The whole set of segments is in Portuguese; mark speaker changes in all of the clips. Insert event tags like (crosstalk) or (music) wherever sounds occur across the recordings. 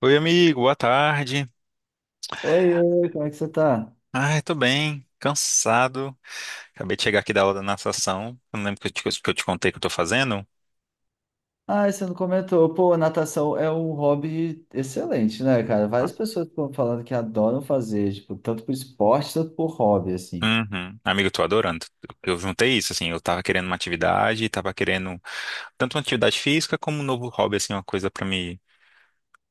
Speaker 1: Oi, amigo, boa tarde.
Speaker 2: Oi, como é que você tá?
Speaker 1: Ai, tô bem, cansado. Acabei de chegar aqui da aula da natação. Eu não lembro que eu te contei que eu tô fazendo.
Speaker 2: Ah, você não comentou. Pô, natação é um hobby excelente, né, cara?
Speaker 1: Ah,
Speaker 2: Várias pessoas estão falando que adoram fazer, tipo, tanto por esporte, tanto por hobby, assim.
Speaker 1: uhum. Amigo, eu tô adorando. Eu juntei isso, assim, eu tava querendo uma atividade, tava querendo tanto uma atividade física como um novo hobby, assim, uma coisa pra me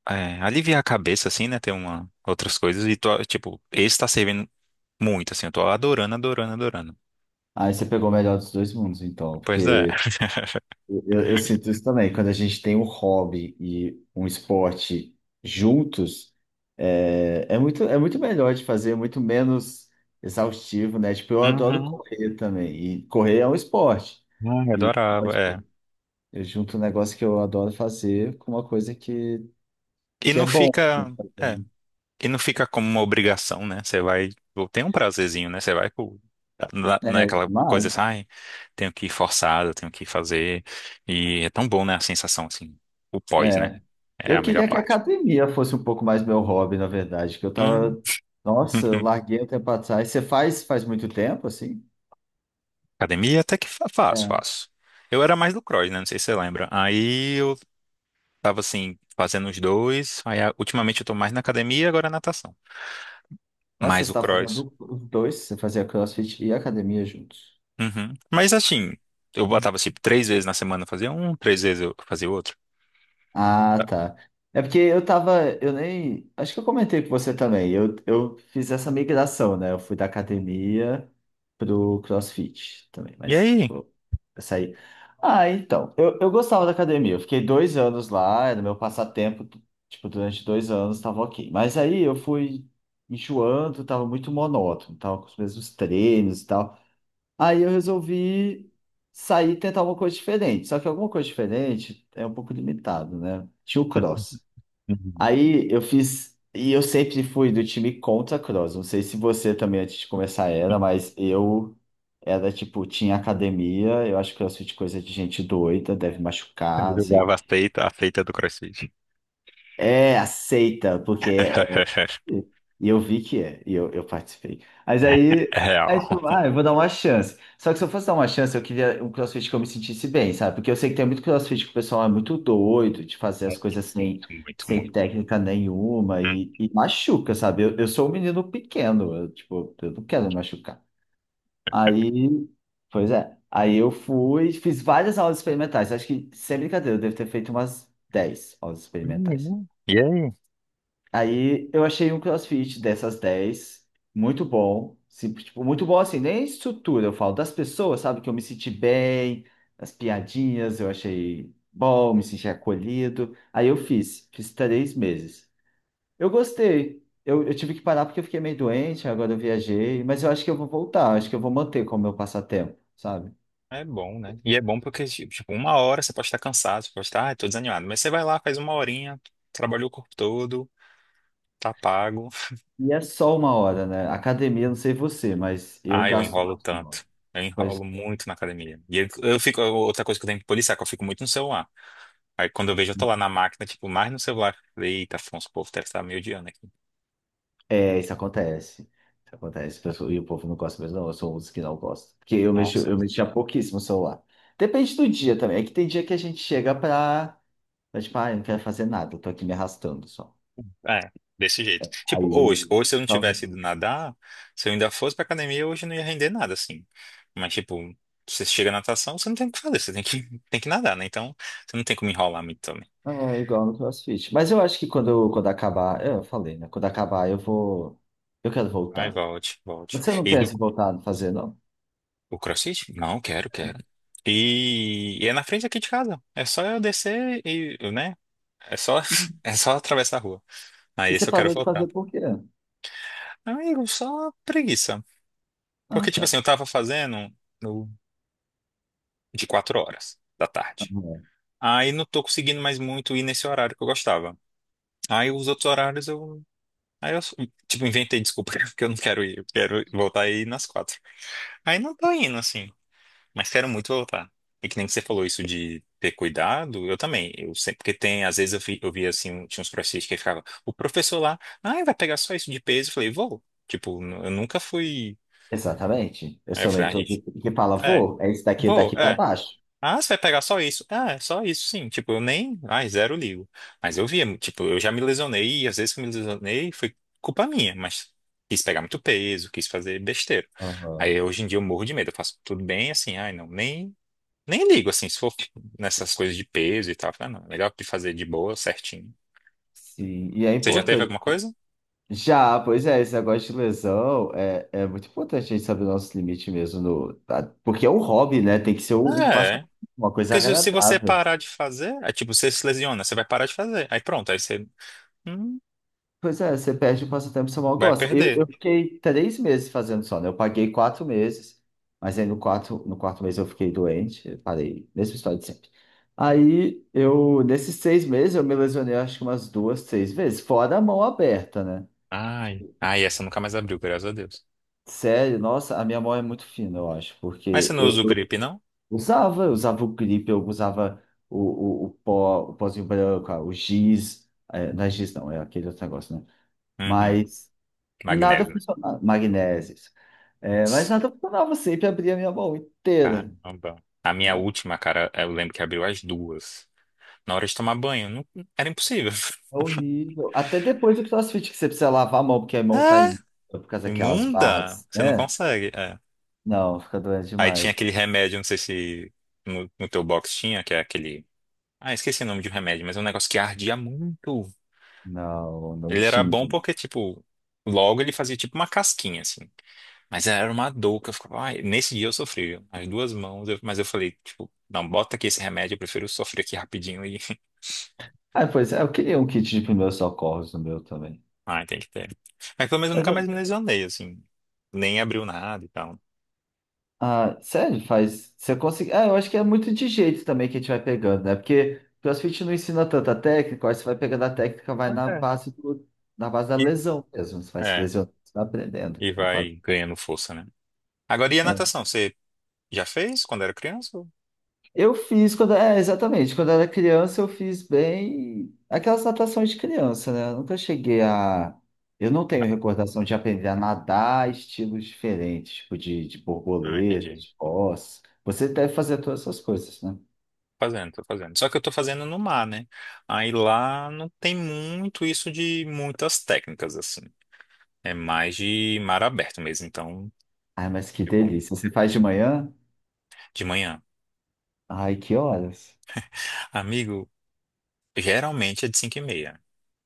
Speaker 1: aliviar a cabeça, assim, né? Ter uma, outras coisas. E tô, tipo, esse tá servindo muito, assim, eu tô adorando, adorando, adorando.
Speaker 2: Aí você pegou o melhor dos dois mundos, então,
Speaker 1: Pois é.
Speaker 2: porque eu sinto isso também. Quando a gente tem um hobby e um esporte juntos, é muito melhor de fazer, muito menos exaustivo, né? Tipo, eu adoro
Speaker 1: Uhum.
Speaker 2: correr também, e correr é um esporte.
Speaker 1: Ai,
Speaker 2: E, então,
Speaker 1: adorava, é.
Speaker 2: tipo, eu junto um negócio que eu adoro fazer com uma coisa que,
Speaker 1: E
Speaker 2: que é
Speaker 1: não
Speaker 2: bom de
Speaker 1: fica.
Speaker 2: fazer,
Speaker 1: É.
Speaker 2: né?
Speaker 1: E não fica como uma obrigação, né? Você vai, ou tem um prazerzinho, né? Você vai pro. Não é
Speaker 2: É
Speaker 1: aquela coisa assim,
Speaker 2: demais.
Speaker 1: ai, tenho que ir forçado, tenho que fazer. E é tão bom, né? A sensação, assim, o pós,
Speaker 2: É.
Speaker 1: né? É
Speaker 2: Eu
Speaker 1: a melhor
Speaker 2: queria que a
Speaker 1: parte.
Speaker 2: academia fosse um pouco mais meu hobby, na verdade, que eu
Speaker 1: Hum.
Speaker 2: tava. Nossa, eu
Speaker 1: (laughs)
Speaker 2: larguei um tempo atrás. Você faz muito tempo, assim?
Speaker 1: Academia até que faço,
Speaker 2: É.
Speaker 1: faço. Eu era mais do cross, né? Não sei se você lembra. Aí eu tava, assim, fazendo os dois. Aí ultimamente eu tô mais na academia, agora natação.
Speaker 2: Nossa,
Speaker 1: Mais
Speaker 2: você
Speaker 1: o
Speaker 2: tá
Speaker 1: cross.
Speaker 2: fazendo os dois, você fazia CrossFit e academia juntos.
Speaker 1: Uhum. Mas assim, eu botava, tipo, três vezes na semana eu fazia um, três vezes eu fazia outro.
Speaker 2: Ah, tá. É porque eu tava, eu nem, acho que eu comentei com você também. Eu fiz essa migração, né? Eu fui da academia pro CrossFit também,
Speaker 1: E
Speaker 2: mas
Speaker 1: aí?
Speaker 2: tipo, eu saí. Ah, então, eu gostava da academia. Eu fiquei 2 anos lá, era meu passatempo, tipo, durante 2 anos tava ok. Mas aí eu fui enjoando, tava muito monótono, tava com os mesmos treinos e tal. Aí eu resolvi sair e tentar uma coisa diferente. Só que alguma coisa diferente é um pouco limitado, né? Tinha o
Speaker 1: (laughs)
Speaker 2: cross.
Speaker 1: Uhum.
Speaker 2: Aí eu fiz. E eu sempre fui do time contra cross. Não sei se você também antes de começar era, mas eu era tipo, tinha academia. Eu acho que CrossFit é coisa de gente doida, deve
Speaker 1: Eu
Speaker 2: machucar, não sei.
Speaker 1: jogava a feita do CrossFit.
Speaker 2: É, aceita, porque
Speaker 1: (laughs)
Speaker 2: E e eu vi que é, e eu participei. Mas aí,
Speaker 1: É
Speaker 2: aí eu
Speaker 1: real.
Speaker 2: falei, ah, eu vou dar uma chance. Só que se eu fosse dar uma chance, eu queria um CrossFit que eu me sentisse bem, sabe? Porque eu sei que tem muito CrossFit que o pessoal é muito doido de fazer as coisas sem,
Speaker 1: Muito, muito,
Speaker 2: sem
Speaker 1: muito.
Speaker 2: técnica nenhuma e machuca, sabe? Eu sou um menino pequeno, eu, tipo, eu não quero me machucar. Aí, pois é. Aí eu fui, fiz várias aulas experimentais. Acho que, sem brincadeira, eu devo ter feito umas 10 aulas experimentais.
Speaker 1: Uhum. E aí?
Speaker 2: Aí eu achei um CrossFit dessas 10 muito bom. Sim, tipo, muito bom assim, nem estrutura, eu falo das pessoas, sabe? Que eu me senti bem, as piadinhas, eu achei bom, me senti acolhido. Aí eu fiz 3 meses. Eu gostei. Eu tive que parar porque eu fiquei meio doente, agora eu viajei, mas eu acho que eu vou voltar, eu acho que eu vou manter como meu passatempo, sabe?
Speaker 1: É bom, né? E é bom porque, tipo, uma hora você pode estar cansado, você pode estar, ah, tô desanimado. Mas você vai lá, faz uma horinha, trabalhou o corpo todo, tá pago.
Speaker 2: E é só uma hora, né? Academia, não sei você, mas eu
Speaker 1: Ah, eu
Speaker 2: gasto
Speaker 1: enrolo
Speaker 2: mais uma hora.
Speaker 1: tanto. Eu enrolo
Speaker 2: Pois
Speaker 1: muito na academia. E eu fico, outra coisa que eu tenho que policiar, que eu fico muito no celular. Aí quando eu vejo, eu tô
Speaker 2: é.
Speaker 1: lá na máquina, tipo, mais no celular. Eita, Afonso, o povo deve estar me odiando aqui.
Speaker 2: É, isso acontece. Isso acontece. E o povo não gosta mesmo, não. Eu sou um dos que não gosta. Porque eu mexo,
Speaker 1: Nossa.
Speaker 2: eu mexia pouquíssimo no celular. Depende do dia também. É que tem dia que a gente chega pra, tipo, ah, eu não quero fazer nada, eu tô aqui me arrastando só.
Speaker 1: É, desse jeito. Tipo,
Speaker 2: Aí.
Speaker 1: hoje se eu não
Speaker 2: Calma.
Speaker 1: tivesse ido nadar, se eu ainda fosse pra academia, hoje eu não ia render nada, assim. Mas, tipo, você chega na natação, você não tem o que fazer, você tem que, (laughs) tem que nadar, né? Então, você não tem como enrolar muito também.
Speaker 2: É igual no CrossFit. Mas eu acho que quando acabar. Eu falei, né? Quando acabar, eu vou. Eu quero
Speaker 1: Ai,
Speaker 2: voltar.
Speaker 1: volte, volte.
Speaker 2: Você não
Speaker 1: E do
Speaker 2: pensa em voltar a fazer, não?
Speaker 1: o CrossFit? Não, quero, quero. E é na frente aqui de casa. É só eu descer e, né? É só,
Speaker 2: Hum.
Speaker 1: (laughs) é só atravessar a rua. Aí,
Speaker 2: E você
Speaker 1: esse eu quero
Speaker 2: parou de
Speaker 1: voltar.
Speaker 2: fazer por quê?
Speaker 1: Amigo, só preguiça. Porque,
Speaker 2: Ah,
Speaker 1: tipo
Speaker 2: tá.
Speaker 1: assim, eu tava fazendo no- de quatro horas da
Speaker 2: Ah,
Speaker 1: tarde.
Speaker 2: é.
Speaker 1: Aí não tô conseguindo mais muito ir nesse horário que eu gostava. Aí os outros horários eu. Aí eu, tipo, inventei desculpa, (laughs) porque eu não quero ir, eu quero voltar aí nas quatro. Aí não tô indo, assim, mas quero muito voltar. E que nem que você falou isso de ter cuidado, eu também. Eu sempre, porque tem, às vezes eu vi assim, tinha uns professores que ficavam, o professor lá, ai, vai pegar só isso de peso. Eu falei, vou. Tipo, n- eu nunca fui.
Speaker 2: Exatamente. Eu
Speaker 1: Aí eu
Speaker 2: sou meio
Speaker 1: falei, ah, gente,
Speaker 2: todo que fala,
Speaker 1: é,
Speaker 2: vou, é isso daqui,
Speaker 1: vou,
Speaker 2: daqui pra
Speaker 1: é."
Speaker 2: baixo.
Speaker 1: Ah, você vai pegar só isso? Ah, é só isso, sim. Tipo, eu nem. Ai, zero ligo. Mas eu via, tipo, eu já me lesionei, e às vezes que eu me lesionei foi culpa minha, mas quis pegar muito peso, quis fazer besteira.
Speaker 2: Aham.
Speaker 1: Aí hoje em dia eu morro de medo, eu faço tudo bem, assim, ai, não, nem ligo, assim, se for nessas coisas de peso e tal. Ah, não, melhor de fazer de boa, certinho.
Speaker 2: Sim, e é
Speaker 1: Você já é, teve
Speaker 2: importante.
Speaker 1: alguma coisa?
Speaker 2: Já, pois é, esse negócio de lesão é muito importante a gente saber o nosso limite mesmo, no, tá? Porque é um hobby, né? Tem que ser um
Speaker 1: Ah, é.
Speaker 2: passatempo, uma coisa
Speaker 1: Porque se você
Speaker 2: agradável.
Speaker 1: parar de fazer, é tipo, você se lesiona, você vai parar de fazer. Aí pronto, aí você hum,
Speaker 2: Pois é, você perde o passatempo que você mal
Speaker 1: vai
Speaker 2: gosta. Eu,
Speaker 1: perder.
Speaker 2: eu fiquei 3 meses fazendo só, né? Eu paguei 4 meses, mas aí no quarto, mês eu fiquei doente, parei, mesma história de sempre. Aí eu, nesses 6 meses, eu me lesionei acho que umas duas, três vezes, fora a mão aberta, né?
Speaker 1: Ai,
Speaker 2: Tipo,
Speaker 1: ai, essa nunca mais abriu, graças a Deus.
Speaker 2: sério, nossa, a minha mão é muito fina, eu acho,
Speaker 1: Mas você
Speaker 2: porque
Speaker 1: não usa
Speaker 2: eu,
Speaker 1: o
Speaker 2: eu
Speaker 1: grip, não?
Speaker 2: usava, eu usava o gripe, eu usava o pó, o pozinho branco, ah, o giz, é, não é
Speaker 1: Uhum.
Speaker 2: giz não, é aquele outro negócio, né?
Speaker 1: Uhum.
Speaker 2: Mas nada
Speaker 1: Magnésio, né?
Speaker 2: funcionava, magnésios é, mas nada funcionava, sempre abria a minha mão inteira,
Speaker 1: Caramba. A minha
Speaker 2: né?
Speaker 1: última, cara, eu lembro que abriu às duas. Na hora de tomar banho, não- era impossível.
Speaker 2: É
Speaker 1: (laughs)
Speaker 2: horrível. Até depois do CrossFit, que você precisa lavar a mão, porque a mão tá
Speaker 1: Ah,
Speaker 2: imunda por causa daquelas
Speaker 1: imunda!
Speaker 2: barras,
Speaker 1: Você não
Speaker 2: né?
Speaker 1: consegue. É.
Speaker 2: Não, fica doente
Speaker 1: Aí tinha
Speaker 2: demais.
Speaker 1: aquele remédio, não sei se no teu box tinha, que é aquele. Ah, esqueci o nome de um remédio, mas é um negócio que ardia muito.
Speaker 2: Não, não
Speaker 1: Ele era
Speaker 2: tinha.
Speaker 1: bom porque, tipo, logo ele fazia tipo uma casquinha, assim. Mas era uma dor que eu ficava, ai, nesse dia eu sofri, viu? As duas mãos, eu- mas eu falei, tipo, não, bota aqui esse remédio, eu prefiro sofrer aqui rapidinho e. (laughs)
Speaker 2: Ah, pois é, eu queria um kit de primeiros socorros no meu também.
Speaker 1: Ai, tem que ter. Mas pelo menos eu
Speaker 2: Mas,
Speaker 1: nunca mais me lesionei, assim. Nem abriu nada e tal.
Speaker 2: ah, sério, faz. Você consegue. Ah, eu acho que é muito de jeito também que a gente vai pegando, né? Porque CrossFit não ensina tanta técnica, aí você vai pegando a técnica, vai na
Speaker 1: É.
Speaker 2: base do, na base da
Speaker 1: E,
Speaker 2: lesão mesmo. Você vai se
Speaker 1: é,
Speaker 2: lesionando, você vai aprendendo.
Speaker 1: e
Speaker 2: Não faz-
Speaker 1: vai ganhando força, né? Agora, e a
Speaker 2: Ah.
Speaker 1: natação? Você já fez quando era criança? Ou-
Speaker 2: Eu fiz quando. É, exatamente. Quando eu era criança, eu fiz bem aquelas natações de criança, né? Eu nunca cheguei a. Eu não tenho recordação de aprender a nadar estilos diferentes, tipo de
Speaker 1: ah,
Speaker 2: borboleta,
Speaker 1: entendi.
Speaker 2: de cos. Você deve fazer todas essas coisas, né?
Speaker 1: Fazendo, tô fazendo. Só que eu tô fazendo no mar, né? Aí lá não tem muito isso de muitas técnicas, assim. É mais de mar aberto mesmo. Então,
Speaker 2: Ai, mas que
Speaker 1: tipo,
Speaker 2: delícia. Você faz de manhã?
Speaker 1: de manhã.
Speaker 2: Ai, que horas?
Speaker 1: Amigo, geralmente é de 5h30,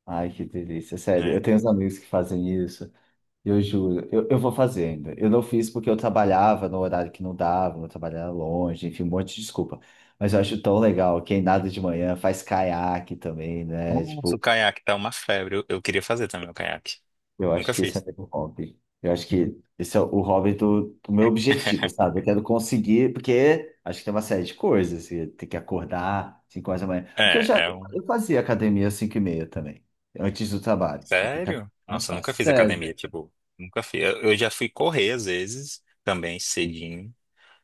Speaker 2: Ai, que delícia. Sério, eu
Speaker 1: né?
Speaker 2: tenho uns amigos que fazem isso. Eu juro, eu vou fazer ainda. Eu não fiz porque eu trabalhava no horário que não dava, eu trabalhava longe, enfim, um monte de desculpa. Mas eu acho tão legal. Quem nada de manhã faz caiaque também, né?
Speaker 1: Nossa, o
Speaker 2: Tipo,
Speaker 1: caiaque tá uma febre. Eu queria fazer também o caiaque.
Speaker 2: eu acho
Speaker 1: Nunca
Speaker 2: que esse é
Speaker 1: fiz.
Speaker 2: meu hobby. Eu acho que esse é o hobby do meu objetivo,
Speaker 1: (laughs)
Speaker 2: sabe? Eu quero conseguir, porque acho que tem uma série de coisas. Você tem que acordar 5 horas da manhã. O que eu
Speaker 1: É,
Speaker 2: já
Speaker 1: é um.
Speaker 2: eu fazia academia às 5 e meia também, antes do trabalho. Só que academia
Speaker 1: Sério?
Speaker 2: é mais
Speaker 1: Nossa, eu nunca
Speaker 2: fácil.
Speaker 1: fiz
Speaker 2: Sério.
Speaker 1: academia, tipo, nunca fiz. Eu já fui correr às vezes, também cedinho,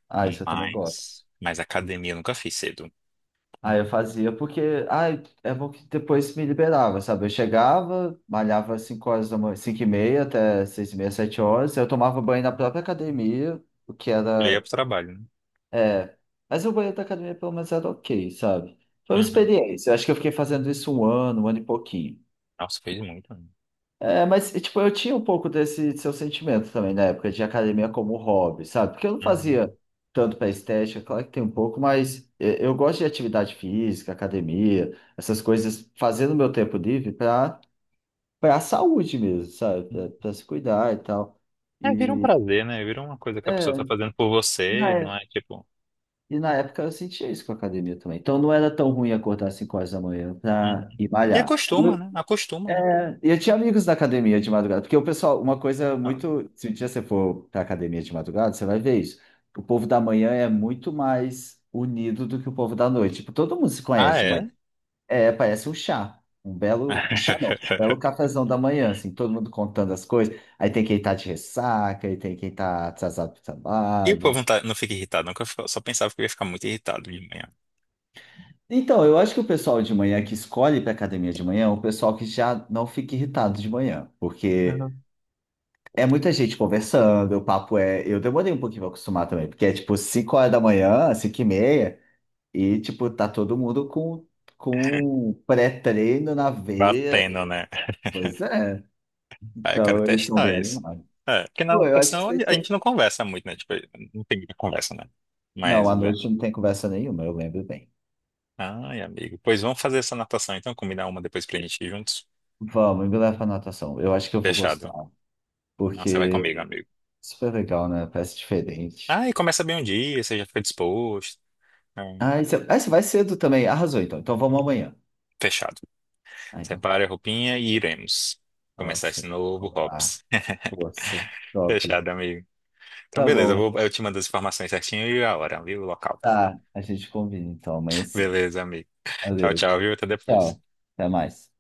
Speaker 2: Ah, isso eu também
Speaker 1: mas,
Speaker 2: gosto.
Speaker 1: mas academia eu nunca fiz cedo.
Speaker 2: Ah, eu
Speaker 1: Nunca.
Speaker 2: fazia porque, ah, é bom que depois me liberava, sabe? Eu chegava, malhava 5 horas da manhã, 5h30 até 6h30, 7 horas. Eu tomava banho na própria academia, o que
Speaker 1: Eu ia
Speaker 2: era
Speaker 1: pro trabalho, né?
Speaker 2: É, mas o banheiro da academia pelo menos era ok, sabe? Foi uma
Speaker 1: Uhum.
Speaker 2: experiência. Eu acho que eu fiquei fazendo isso um ano e pouquinho.
Speaker 1: Nossa, fez muito. Né?
Speaker 2: É, mas, e, tipo, eu tinha um pouco desse seu sentimento também na época de academia como hobby, sabe? Porque eu não
Speaker 1: Uhum.
Speaker 2: fazia tanto para estética, claro que tem um pouco, mas é, eu gosto de atividade física, academia, essas coisas, fazendo meu tempo livre para a saúde mesmo, sabe? Para se cuidar e tal.
Speaker 1: É, vira um
Speaker 2: E
Speaker 1: prazer, né? Vira uma coisa que a pessoa
Speaker 2: é,
Speaker 1: tá fazendo por você,
Speaker 2: na
Speaker 1: não é tipo.
Speaker 2: E na época eu sentia isso com a academia também. Então não era tão ruim acordar às 5 horas da manhã para
Speaker 1: Uhum.
Speaker 2: ir
Speaker 1: E
Speaker 2: malhar. E
Speaker 1: acostuma,
Speaker 2: eu,
Speaker 1: né? Acostuma, né?
Speaker 2: é, e eu tinha amigos da academia de madrugada, porque o pessoal, uma coisa
Speaker 1: Ah,
Speaker 2: muito. Se um dia você for para academia de madrugada, você vai ver isso. O povo da manhã é muito mais unido do que o povo da noite. Tipo, todo mundo se
Speaker 1: ah,
Speaker 2: conhece de manhã.
Speaker 1: é?
Speaker 2: É, parece um chá. Um belo, um chá não, um belo
Speaker 1: (laughs)
Speaker 2: cafezão da manhã, assim, todo mundo contando as coisas. Aí tem quem tá de ressaca, aí tem quem tá atrasado pro
Speaker 1: E o povo
Speaker 2: trabalho.
Speaker 1: não, não fica irritado, não, que eu fico- só pensava que eu ia ficar muito irritado de manhã.
Speaker 2: Então, eu acho que o pessoal de manhã que escolhe para academia de manhã é o pessoal que já não fica irritado de manhã, porque
Speaker 1: Uhum.
Speaker 2: é muita gente conversando, o papo é. Eu demorei um pouquinho para acostumar também, porque é tipo 5 horas da manhã, 5 e meia, e tipo, tá todo mundo com pré-treino na veia.
Speaker 1: Batendo, né? (laughs)
Speaker 2: Pois é,
Speaker 1: Ah, eu quero
Speaker 2: então eles são
Speaker 1: testar
Speaker 2: bem
Speaker 1: isso.
Speaker 2: animados.
Speaker 1: É, porque na
Speaker 2: Pô, eu acho que
Speaker 1: natação
Speaker 2: você
Speaker 1: a
Speaker 2: tinha.
Speaker 1: gente não conversa muito, né? Tipo, não tem muita conversa, né?
Speaker 2: Não,
Speaker 1: Mas,
Speaker 2: à
Speaker 1: é.
Speaker 2: noite não tem conversa nenhuma, eu lembro bem.
Speaker 1: Ai, amigo. Pois vamos fazer essa natação, então, combinar uma depois pra gente ir juntos?
Speaker 2: Vamos, me leva pra natação. Eu acho que eu vou gostar,
Speaker 1: Fechado. Nossa, vai
Speaker 2: porque
Speaker 1: comigo,
Speaker 2: é
Speaker 1: amigo.
Speaker 2: super legal, né? Parece diferente.
Speaker 1: Ah, e começa bem um dia, você já fica disposto. Então,
Speaker 2: Ah, você vai cedo também. Arrasou, então. Então vamos amanhã.
Speaker 1: fechado.
Speaker 2: Ah, então tá.
Speaker 1: Separe a roupinha e iremos começar esse
Speaker 2: Nossa,
Speaker 1: novo
Speaker 2: vamos lá.
Speaker 1: hops. (laughs)
Speaker 2: Força. Top.
Speaker 1: Fechado, amigo. Então,
Speaker 2: Tá
Speaker 1: beleza, eu
Speaker 2: bom.
Speaker 1: vou, eu te mando as informações certinho e a hora, viu? O local.
Speaker 2: Tá, a gente combina então amanhã é cedo.
Speaker 1: Beleza, amigo. Tchau,
Speaker 2: Valeu.
Speaker 1: tchau, viu? Até depois.
Speaker 2: Tchau. Até mais.